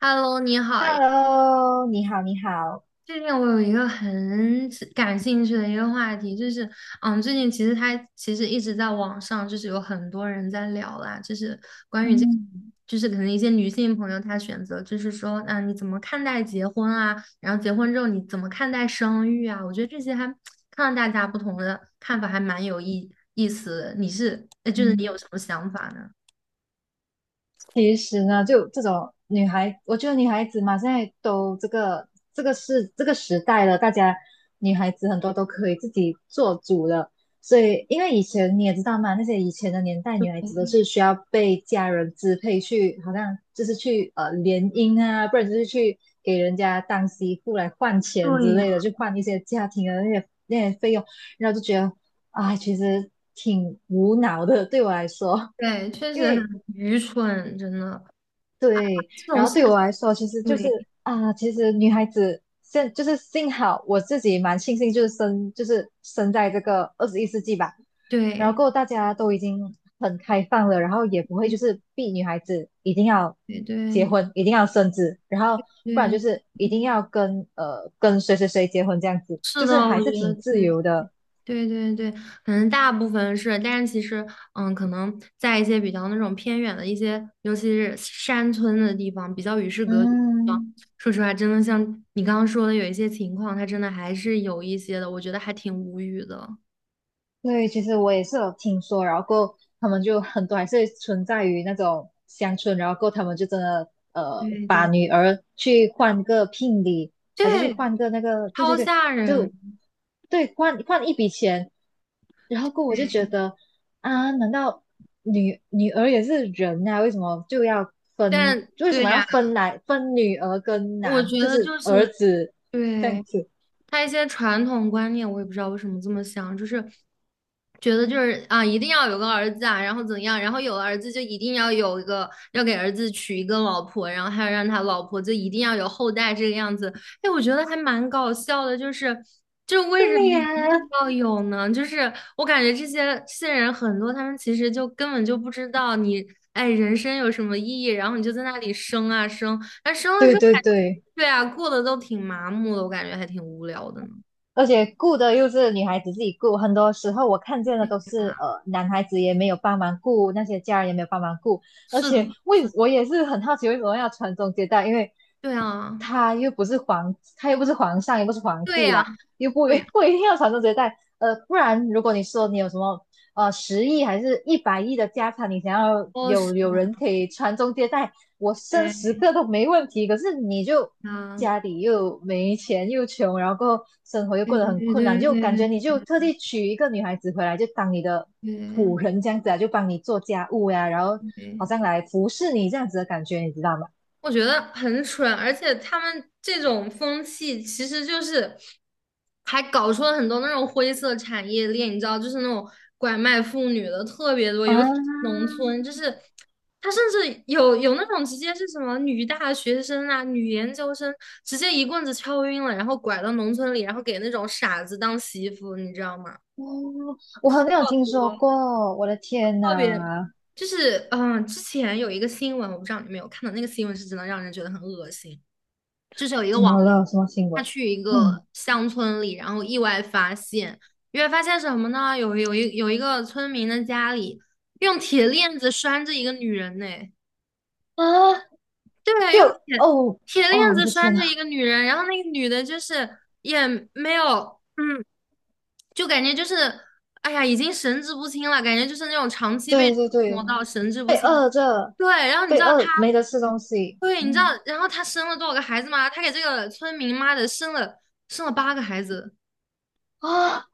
Hello，你好呀。Hello，你好，你好。最近我有一个很感兴趣的一个话题，就是，最近其实一直在网上，就是有很多人在聊啦，就是关于这，嗯就是可能一些女性朋友她选择，就是说，你怎么看待结婚啊？然后结婚之后你怎么看待生育啊？我觉得这些还看到大家不同的看法，还蛮有意思的你是，就是你有嗯，什么想法呢？其实呢，就这种女孩，我觉得女孩子嘛，现在都这个是这个时代了，大家女孩子很多都可以自己做主了。所以，因为以前你也知道嘛，那些以前的年代，女孩子都是需要被家人支配去，好像就是去联姻啊，不然就是去给人家当媳妇来换钱对之呀，类的，去换一些家庭的那些费用，然后就觉得啊，其实挺无脑的，对我来说。对，确因实为很愚蠢，真的对，这种然后事对情。我来说，其实就是对，啊，其实女孩子就是幸好我自己蛮庆幸，就是生在这个21世纪吧，然对。后过后大家都已经很开放了，然后也不会就是逼女孩子一定要对结对婚，一定要生子，然后不然对，就是一定要跟谁谁谁结婚这样子，是就的。是我还觉是得挺自对。由的。对对对，可能大部分是，但是其实，可能在一些比较那种偏远的一些，尤其是山村的地方，比较与世隔绝的地方。嗯，说实话，真的像你刚刚说的，有一些情况，它真的还是有一些的，我觉得还挺无语的。对，其实我也是有听说，然后过后他们就很多还是存在于那种乡村，然后过后他们就真的对把对女儿去换个聘礼，还是去对，换个那个，对对超对，吓就人。对换一笔钱，然后过后我就觉得啊，难道女儿也是人啊？为什么就要分？但为什对么要呀，分来分女儿跟我男，觉就得是就儿是子这样对，子？他一些传统观念，我也不知道为什么这么想，就是觉得就是啊，一定要有个儿子啊，然后怎样，然后有了儿子就一定要有一个，要给儿子娶一个老婆，然后还要让他老婆就一定要有后代这个样子。哎，我觉得还蛮搞笑的，就是就为什么对呀，一定要有呢？就是我感觉这些人很多，他们其实就根本就不知道你。哎，人生有什么意义？然后你就在那里生啊生，哎，生了对之后对感觉，对。对啊，过得都挺麻木的，我感觉还挺无聊的呢。而且顾的又是女孩子自己顾，很多时候我看见的都是啊，男孩子也没有帮忙顾，那些家人也没有帮忙顾，而是的，且是的。我也是很好奇为什么要传宗接代，因为对啊，他又不是皇上，也不是皇对帝呀，啦，又不 对呀，不一定要传宗接代，不然如果你说你有什么10亿还是100亿的家产，你想要哦，是有人的，可以传宗接代，我生十对个都没问题，可是你就啊，家里又没钱又穷，然后生活又对过得对很对困难，就感对觉对你就特地娶一个女孩子回来，就当你的对仆人这样子啊，就帮你做家务呀、然后对好对。像来服侍你这样子的感觉，你知道吗？我觉得很蠢，而且他们这种风气其实就是还搞出了很多那种灰色产业链，你知道，就是那种拐卖妇女的特别多，啊，尤其是农村，就是他甚至有有那种直接是什么女大学生啊、女研究生，直接一棍子敲晕了，然后拐到农村里，然后给那种傻子当媳妇，你知道吗？哦，我好像有听说我过，我的天呐，特别。就是，之前有一个新闻，我不知道你有没有看到，那个新闻是真的让人觉得很恶心。就是有一个怎网么红了？什么新他闻？去一嗯，个乡村里，然后意外发现，意外发现什么呢？有一个村民的家里用铁链子拴着一个女人呢。啊，对，就用铁哦铁哦，链我子的天拴呐，着一个女人，然后那个女的就是也没有。嗯，就感觉就是，哎呀，已经神志不清了，感觉就是那种长期被对折对对，磨到神志不被清。饿着。对，然后你知被道他。饿没得吃东西，对，你知嗯，道，然后他生了多少个孩子吗？他给这个村民妈的生了8个孩子。啊，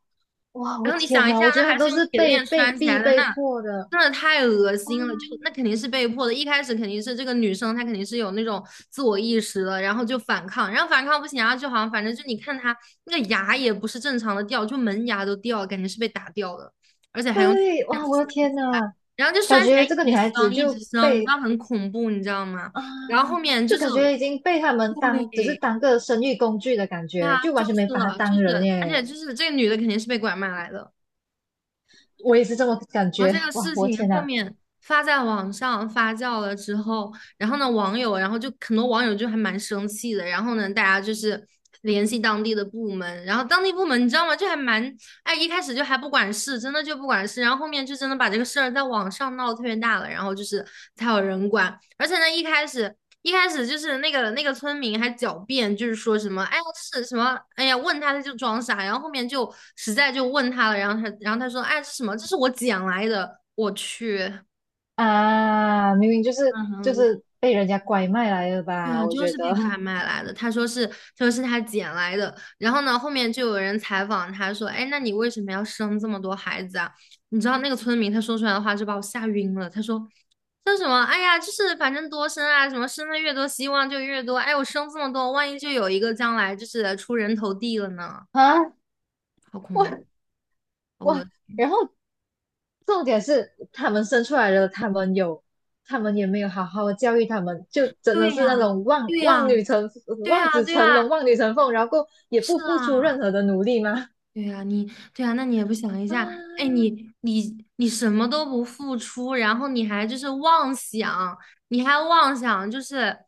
哇，我然后你天想一下，哪，我觉那得还是都用是铁链拴起来的，被那迫的真的太恶啊，心了，就那肯定是被迫的。一开始肯定是这个女生，她肯定是有那种自我意识的，然后就反抗，然后反抗不行啊，然后就好像反正就你看她那个牙也不是正常的掉，就门牙都掉了，感觉是被打掉的，而且还用对，这哇，子我拴的天起来，哪，然后就感拴起来觉这个一女直孩子生一直就生，你知被道很恐怖，你知道吗？啊，然后后面就就是感觉已经被他们当只是对。当个生育工具的感对觉，啊，就就完全没是把她了，就当是，人而且耶，就是这个女的肯定是被拐卖来的。我也是这么感然后这觉，个哇，事我的情天后哪，面发在网上发酵了之后，然后呢，网友，然后就很多网友就还蛮生气的。然后呢，大家就是联系当地的部门，然后当地部门你知道吗？就还蛮，哎，一开始就还不管事，真的就不管事。然后后面就真的把这个事儿在网上闹得特别大了，然后就是才有人管。而且呢，一开始。一开始就是那个村民还狡辩，就是说什么哎呀是什么哎呀问他他就装傻，然后后面就实在就问他了，然后他说哎是什么这是我捡来的，我去，啊，明明就是就嗯，是被人家拐卖来的对吧，啊，我就觉是被得 拐卖来的。他说是，他说是他捡来的。然后呢，后面就有人采访他说："哎，那你为什么要生这么多孩子啊？"你知道那个村民他说出来的话就把我吓晕了。他说："说什么？哎呀，就是反正多生啊，什么生的越多，希望就越多。哎，我生这么多，万一就有一个将来就是出人头地了呢？啊，好恐怖！我我，我。然后重点是他们生出来了，他们有，他们也没有好好的教育他们，就真的对是那呀，种对呀，对望呀，子对呀，成龙、望女成凤，然后也不是付出啊。"任何的努力吗？对呀，你。对呀，那你也不想一下，哎，啊，你你你什么都不付出，然后你还就是妄想，你还妄想就是，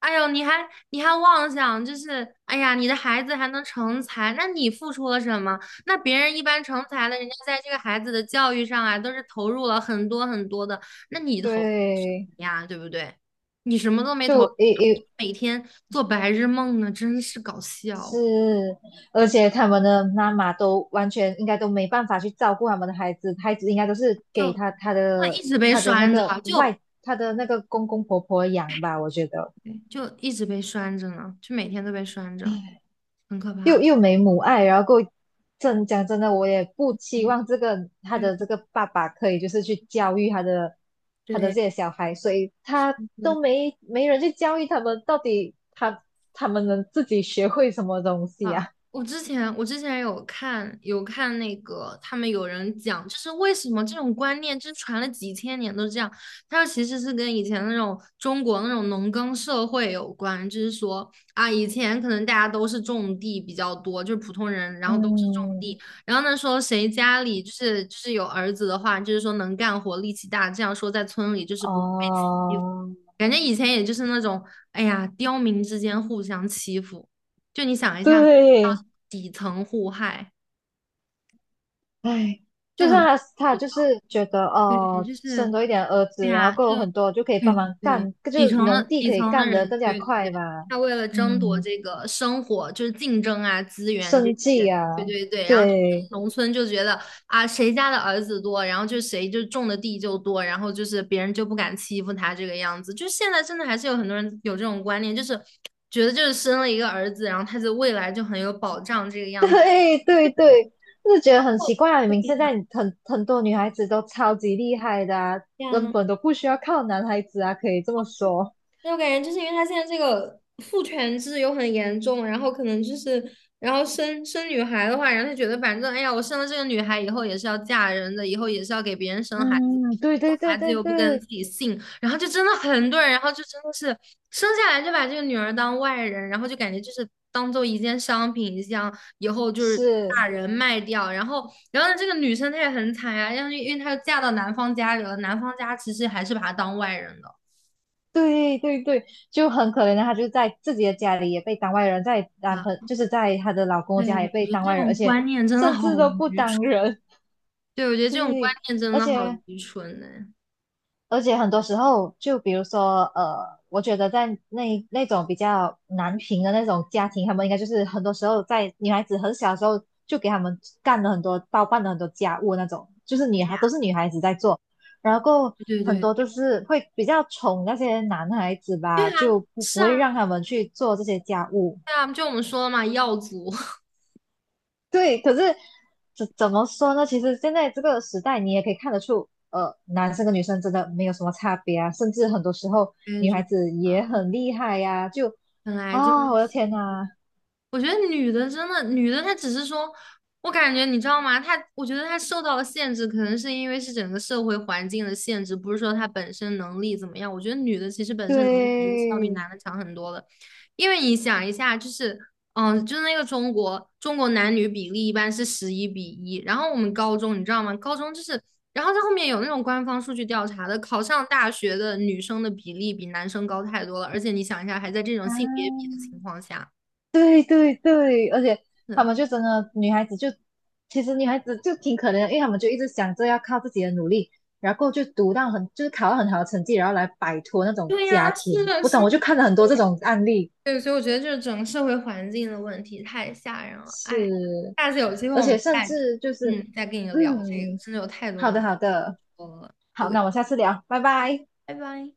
哎呦，你还你还妄想就是，哎呀，你的孩子还能成才，那你付出了什么？那别人一般成才了，人家在这个孩子的教育上啊，都是投入了很多很多的，那你投入什对，么呀，对不对？你什么都没投入就也每天做白日梦呢，真是搞是，笑。而且他们的妈妈都完全应该都没办法去照顾他们的孩子，孩子应该都是给就他他那一的直被他的那拴着个啊，就外他的那个公公婆婆养吧，我觉得。对就一直被拴着呢，就每天都被拴着，很可又怕。又没母爱，然后够真讲真的，我也不期对望这个他对，的这个爸爸可以就是去教育他的他的对，这些小孩，所以他都没人去教育他们，到底他们能自己学会什么东西啊，啊？我之前有看那个，他们有人讲，就是为什么这种观念就是传了几千年都这样。他说其实是跟以前那种中国那种农耕社会有关，就是说啊，以前可能大家都是种地比较多，就是普通人，然后都是种地。嗯，然后呢说谁家里就是有儿子的话，就是说能干活、力气大，这样说在村里就是不会被哦，感觉以前也就是那种，哎呀，刁民之间互相欺负，就你想一下，对，底层互害哎，就就算很，他就是觉得对，哦，就生是多一点儿对子，然后呀，够有就很多就可以帮对忙对，干，就底层是农的地可以干得人，更加对对快对，嘛。他为了争夺嗯，这个生活，就是竞争啊、资源这生些，计对啊，对对。然后就对 农村就觉得啊，谁家的儿子多，然后就谁就种的地就多，然后就是别人就不敢欺负他这个样子。就现在真的还是有很多人有这种观念，就是觉得就是生了一个儿子，然后他的未来就很有保障这个 样子。对对对，就是觉得很哦，奇怪啊！明对明现呀，在很多女孩子都超级厉害的啊，这样根啊。本都不需要靠男孩子啊，可以这么说。那我感觉就是因为他现在这个父权制又很严重，然后可能就是，然后生女孩的话，然后他觉得反正哎呀，我生了这个女孩以后也是要嫁人的，以后也是要给别人生孩子，嗯，对生对对孩子对又不跟对，自己姓，然后就真的很多人，然后就真的是生下来就把这个女儿当外人，然后就感觉就是当做一件商品一样，以后就是是，把人卖掉，然后呢这个女生她也很惨呀、因为她又嫁到男方家里了，男方家其实还是把她当外人的。对对对，就很可怜的，她就在自己的家里也被当外人，在男朋啊。就是在她的老公对，家也我被觉得当这外人，种而且观念真的甚好至都不愚蠢。当人，对，我觉得这种观对，念真而的好且愚蠢呢、而且很多时候，就比如说，我觉得在那种比较难平的那种家庭，他们应该就是很多时候在女孩子很小的时候就给他们干了很多包办了很多家务那种，就是女孩都是女孩子在做，然后对很对多都是会比较宠那些男孩子对吧，啊，就不是会啊，让他们去做这些家务。对啊，就我们说了嘛，耀祖 对，可是怎么说呢？其实现在这个时代，你也可以看得出，男生跟女生真的没有什么差别啊，甚至很多时候我也女觉孩得，子也很厉害呀、就本来就啊，是我的天呐，我觉得女的真的，女的她只是说，我感觉你知道吗？她我觉得她受到了限制，可能是因为是整个社会环境的限制，不是说她本身能力怎么样。我觉得女的其实本身能力我觉得是要比对男的强很多的，因为你想一下，就是就是那个中国男女比例一般是11比1，然后我们高中你知道吗？高中就是，然后在后面有那种官方数据调查的，考上大学的女生的比例比男生高太多了，而且你想一下，还在这种啊，性别比的情况下。对对对，而且他们就真的女孩子就，其实女孩子就挺可怜的，因为他们就一直想着要靠自己的努力，然后就读到很就是考到很好的成绩，然后来摆脱那种对家呀，是庭。的，我是懂，我的，就看了很多这种案例。对，所以我觉得就是整个社会环境的问题太吓人了。哎，是，下次有机会而我们且甚再至就是，再跟你聊这个，嗯，真的有太多好东的，西好的，说了。好，对，那我们下次聊，拜拜。拜拜。